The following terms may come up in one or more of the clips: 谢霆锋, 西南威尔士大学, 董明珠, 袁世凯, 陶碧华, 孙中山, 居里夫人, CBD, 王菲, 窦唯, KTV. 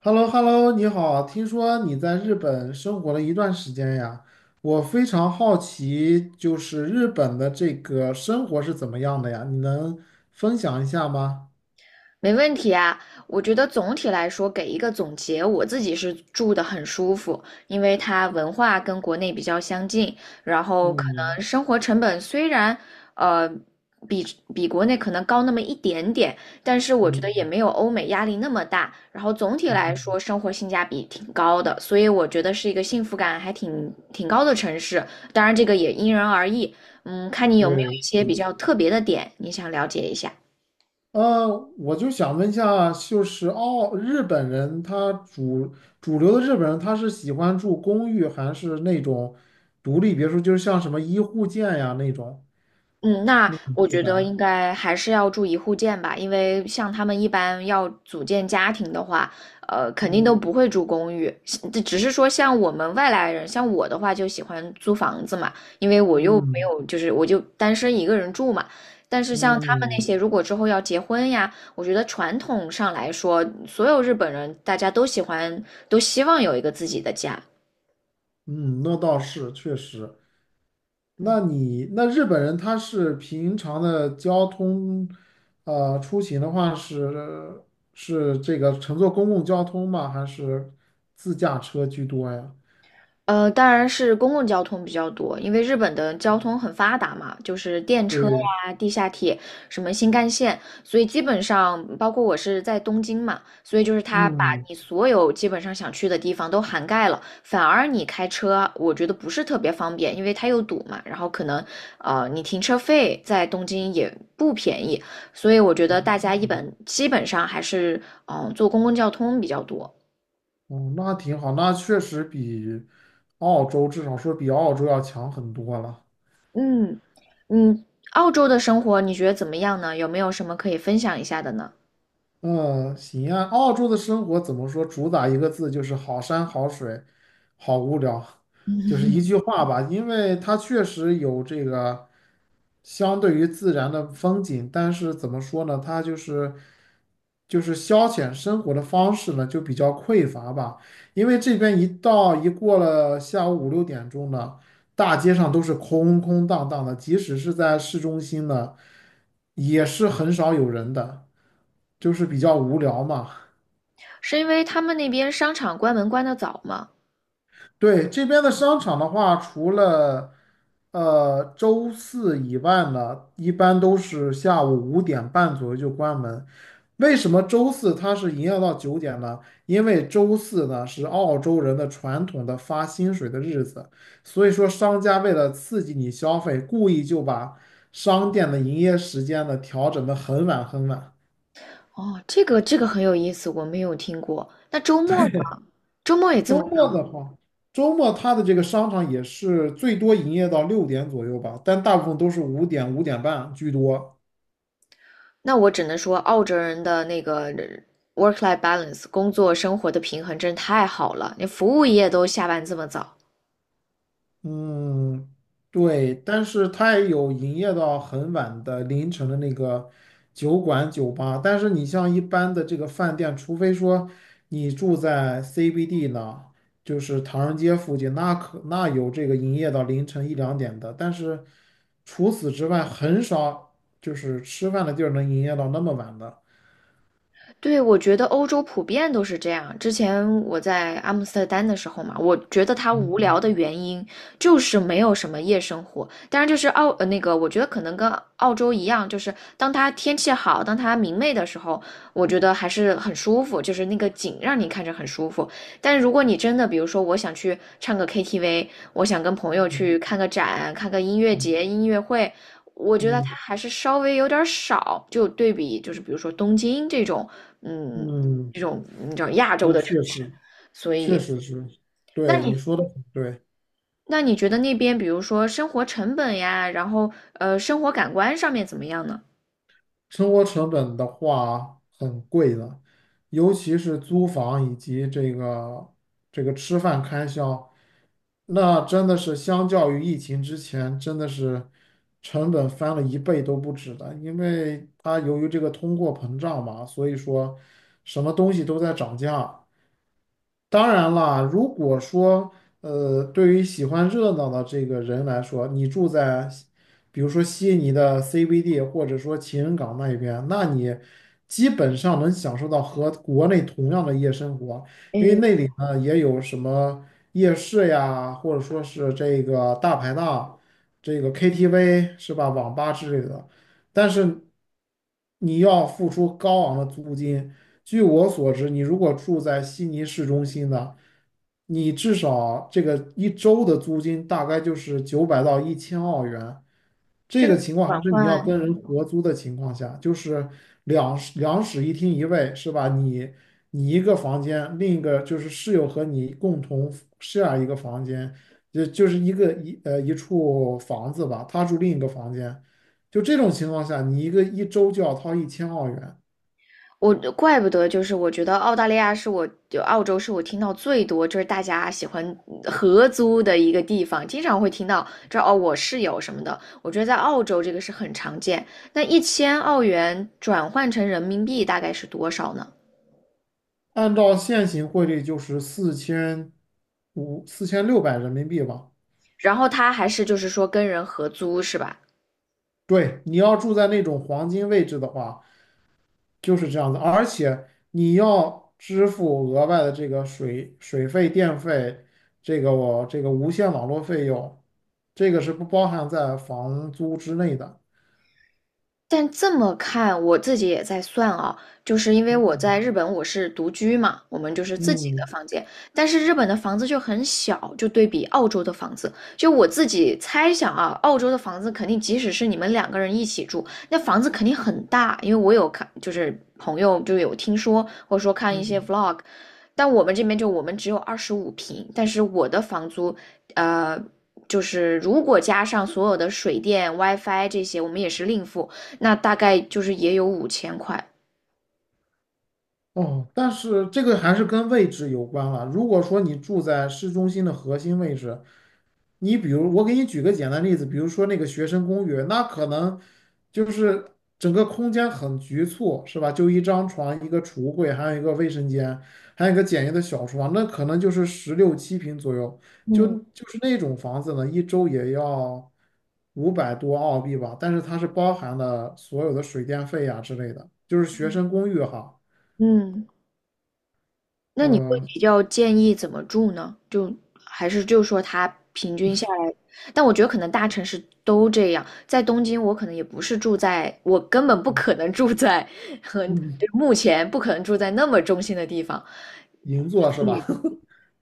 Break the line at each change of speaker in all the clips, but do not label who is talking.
h e l l o h e l l o 你好，听说你在日本生活了一段时间呀，我非常好奇，就是日本的这个生活是怎么样的呀？你能分享一下吗？
没问题啊，我觉得总体来说给一个总结，我自己是住的很舒服，因为它文化跟国内比较相近，然后可
嗯
能生活成本虽然呃比比国内可能高那么一点点，但是我觉得也
嗯
没有欧美压力那么大，然后总体来说
嗯，
生活性价比挺高的，所以我觉得是一个幸福感还挺高的城市。当然这个也因人而异。嗯，看你有没有
对，
一
是
些比
的
较特别的点，你想了解一下。
呃，我就想问一下，就是哦，日本人他主主流的日本人他是喜欢住公寓还是那种独立别墅，就是像什么一户建呀那种
嗯，那我
住
觉
宅？
得应该还是要住一户建吧，因为像他们一般要组建家庭的话，肯定
嗯
都不会住公寓。这只是说像我们外来人，像我的话就喜欢租房子嘛，因为我又没
嗯
有，就是我就单身一个人住嘛。但是像他们那
嗯。
些，如果之后要结婚呀，我觉得传统上来说，所有日本人大家都喜欢，都希望有一个自己的家。
嗯，那倒是确实。
嗯
那日本人他是平常的交通，出行的话是这个乘坐公共交通吗？还是自驾车居多呀？
当然是公共交通比较多，因为日本的交通很发达嘛，就是电车
对，
呀、地下铁、什么新干线，所以基本上包括我是在东京嘛，所以就是它把
嗯，
你所有基本上想去的地方都涵盖了。反而你开车，我觉得不是特别方便，因为它又堵嘛，然后可能你停车费在东京也不便宜，所以我觉得大家基本上还是坐公共交通比较多。
哦，那挺好，那确实比澳洲至少说比澳洲要强很多了。
嗯嗯，澳洲的生活你觉得怎么样呢？有没有什么可以分享一下的呢？
嗯，行啊。澳洲的生活怎么说？主打一个字，就是好山好水，好无聊，就是一句话吧。因为它确实有这个。相对于自然的风景，但是怎么说呢，它就是消遣生活的方式呢，就比较匮乏吧。因为这边一过了下午五六点钟呢，大街上都是空空荡荡的，即使是在市中心呢，也是很少有人的，就是比较无聊嘛。
是因为他们那边商场关门关得早吗？
对，这边的商场的话，除了周四以外呢，一般都是下午五点半左右就关门。为什么周四它是营业到九点呢？因为周四呢是澳洲人的传统的发薪水的日子，所以说商家为了刺激你消费，故意就把商店的营业时间呢调整的很晚很晚。
哦，这个很有意思，我没有听过。那周末呢？周末也这么
周
早？
末的话，周末它的这个商场也是最多营业到六点左右吧，但大部分都是五点、五点半居多。
那我只能说，澳洲人的那个 work-life balance 工作生活的平衡真是太好了，连服务业都下班这么早。
嗯，对，但是它也有营业到很晚的凌晨的那个酒馆、酒吧。但是你像一般的这个饭店，除非说你住在 CBD 呢，就是唐人街附近，那有这个营业到凌晨一两点的。但是除此之外，很少就是吃饭的地儿能营业到那么晚的。
对，我觉得欧洲普遍都是这样。之前我在阿姆斯特丹的时候嘛，我觉得它无
嗯
聊的原因就是没有什么夜生活。当然，就是澳，呃，那个，我觉得可能跟澳洲一样，就是当它天气好、当它明媚的时候，我觉得还是很舒服，就是那个景让你看着很舒服。但如果你真的，比如说我想去唱个 KTV，我想跟朋友
嗯
去看个展、看个音乐节、音乐会，我觉得它
嗯
还是稍微有点儿少，就对比就是比如说东京这种
嗯，
嗯，
嗯，
这种你知道亚洲
那
的城
确
市，
实
所
确
以
实是，
那
对你
你
说的很对。
那你觉得那边比如说生活成本呀，然后生活感官上面怎么样呢？
生活成本的话很贵的，尤其是租房以及这个吃饭开销，那真的是相较于疫情之前，真的是成本翻了一倍都不止的，因为它由于这个通货膨胀嘛，所以说什么东西都在涨价。当然了，如果说对于喜欢热闹的这个人来说，你住在比如说悉尼的 CBD，或者说情人港那一边，那你基本上能享受到和国内同样的夜生活，
嗯，
啊，也有什么夜市呀，或者说是这个大排档、这个 KTV 是吧，网吧之类的，但是你要付出高昂的租金。据我所知，你如果住在悉尼市中心的，你至少这个一周的租金大概就是九百到一千澳元。这
这
个
个
情况还
转
是你要
换，
跟人合租的情况下，就是两室一厅一卫，是吧？你一个房间，另一个就是室友和你共同 share 一个房间，就就是一个一呃一处房子吧，他住另一个房间，就这种情况下，你一个一周就要掏一千澳元，
我怪不得就是我觉得澳洲是我听到最多就是大家喜欢合租的一个地方，经常会听到这哦我室友什么的，我觉得在澳洲这个是很常见。那1000澳元转换成人民币大概是多少呢？
按照现行汇率就是四千六百人民币吧。
然后他还是就是说跟人合租是吧？
对，你要住在那种黄金位置的话，就是这样子，而且你要支付额外的这个水费、电费，这个我这个无线网络费用，这个是不包含在房租之内的。
但这么看，我自己也在算啊，就是因为我在日本我是独居嘛，我们就是自己的
嗯
房间，但是日本的房子就很小，就对比澳洲的房子，就我自己猜想啊，澳洲的房子肯定即使是你们两个人一起住，那房子肯定很大，因为我有看，就是朋友就有听说，或者说看一些
嗯
vlog。但我们这边就我们只有25平，但是我的房租，呃。就是如果加上所有的水电、WiFi 这些，我们也是另付，那大概就是也有5000块。
哦，但是这个还是跟位置有关了。如果说你住在市中心的核心位置，你比如，我给你举个简单例子，比如说那个学生公寓，那可能就是整个空间很局促，是吧？就一张床、一个橱柜，还有一个卫生间，还有一个简易的小厨房，那可能就是十六七平左右。就
嗯
就是那种房子呢，一周也要五百多澳币吧，但是它是包含了所有的水电费呀、之类的，就是学生公寓哈。
嗯，那你会
呃，
比较建议怎么住呢？就还是就说它平均下来，但我觉得可能大城市都这样。在东京，我可能也不是住在，我根本不可能住在
嗯，
对目前不可能住在那么中心的地方。
银座是吧？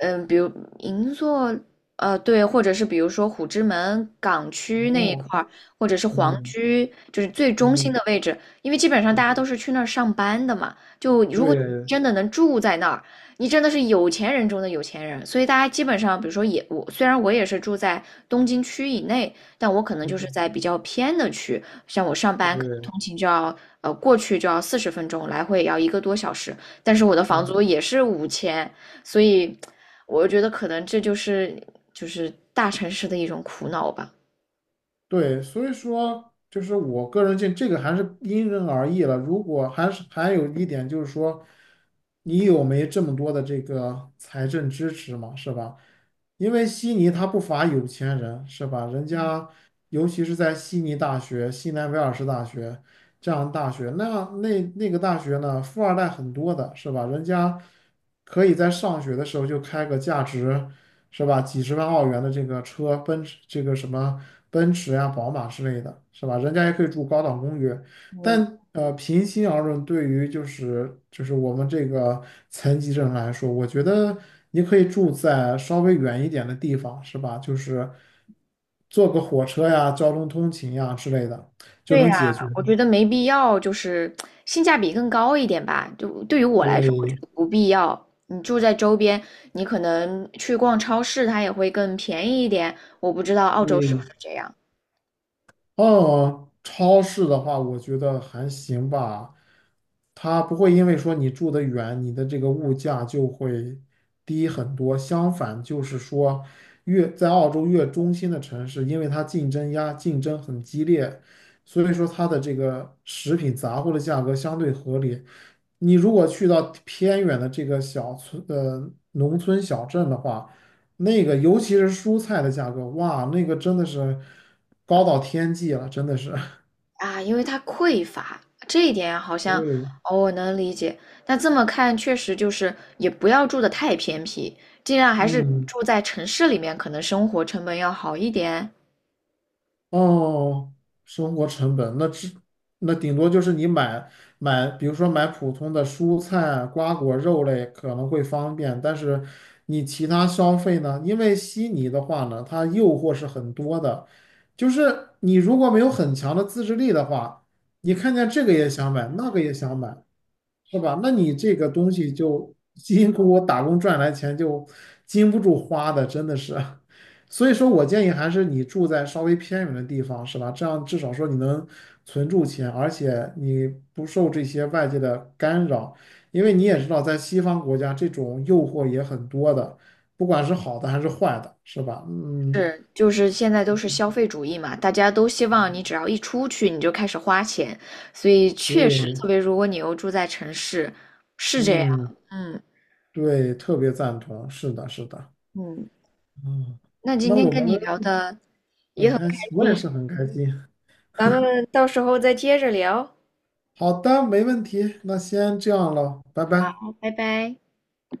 嗯，比如银座，对，或者是比如说虎之门港 区那一
哦，
块儿，或者是皇
嗯
居，就是最中心
嗯
的位置，因为基本上大
嗯，
家都是去那儿上班的嘛。就如果你
对，
真的能住在那儿，你真的是有钱人中的有钱人。所以大家基本上，比如说也我，虽然我也是住在东京区以内，但我可能就是在
嗯。
比较偏的区，像我上班可能
对，
通勤就要过去就要40分钟，来回也要一个多小时，但是我的房
嗯，
租也是五千，所以。我觉得可能这就是大城市的一种苦恼吧。
对，所以说就是我个人见这个还是因人而异了。如果还是还有一点就是说，你有没这么多的这个财政支持嘛，是吧？因为悉尼它不乏有钱人，是吧？人家尤其是在悉尼大学、西南威尔士大学。这样的大学。那那个大学呢，富二代很多的，是吧？人家可以在上学的时候就开个价值，是吧？几十万澳元的这个车，奔驰这个什么奔驰呀、宝马之类的，是吧？人家也可以住高档公寓，但。平心而论，对于就是我们这个残疾人来说，我觉得你可以住在稍微远一点的地方，是吧？就是坐个火车呀、交通通勤呀之类的，就
对
能
呀，
解决。
我觉得没必要，就是性价比更高一点吧。就对于我来说，我觉
对
得不必要。你住在周边，你可能去逛超市，它也会更便宜一点。我不知道澳洲是不
对，
是这样
哦，嗯超市的话，我觉得还行吧，它不会因为说你住得远，你的这个物价就会低很多。相反，就是说越在澳洲越中心的城市，因为它竞争很激烈，所以说它的这个食品杂货的价格相对合理。你如果去到偏远的这个小村，农村小镇的话，那个尤其是蔬菜的价格，哇，那个真的是高到天际了，真的是。
啊，因为它匮乏，这一点好像
对，
哦，我能理解。那这么看，确实就是也不要住的太偏僻，尽量还是
嗯，
住在城市里面，可能生活成本要好一点。
哦，生活成本那顶多就是你买，比如说买普通的蔬菜啊、瓜果、肉类可能会方便，但是你其他消费呢？因为悉尼的话呢，它诱惑是很多的，就是你如果没有很强的自制力的话，你看见这个也想买，那个也想买，是吧？那你这个东西就辛苦我打工赚来钱就经不住花的，真的是。所以说我建议还是你住在稍微偏远的地方，是吧？这样至少说你能存住钱，而且你不受这些外界的干扰，因为你也知道，在西方国家这种诱惑也很多的，不管是好的还是坏的，是吧？嗯，
是，就是现在都是消费主义嘛，大家都希望你只要一出去你就开始花钱，所以确实，
对，
特别如果你又住在城市，是这样。
嗯，
嗯
对，特别赞同，是的，是的，
嗯，
嗯，
那今
那
天
我们
跟你聊的。
很开心，我也
嗯，
是很开心。
咱们到时候再接着聊。
好的，没问题，那先这样了，拜拜。
拜拜。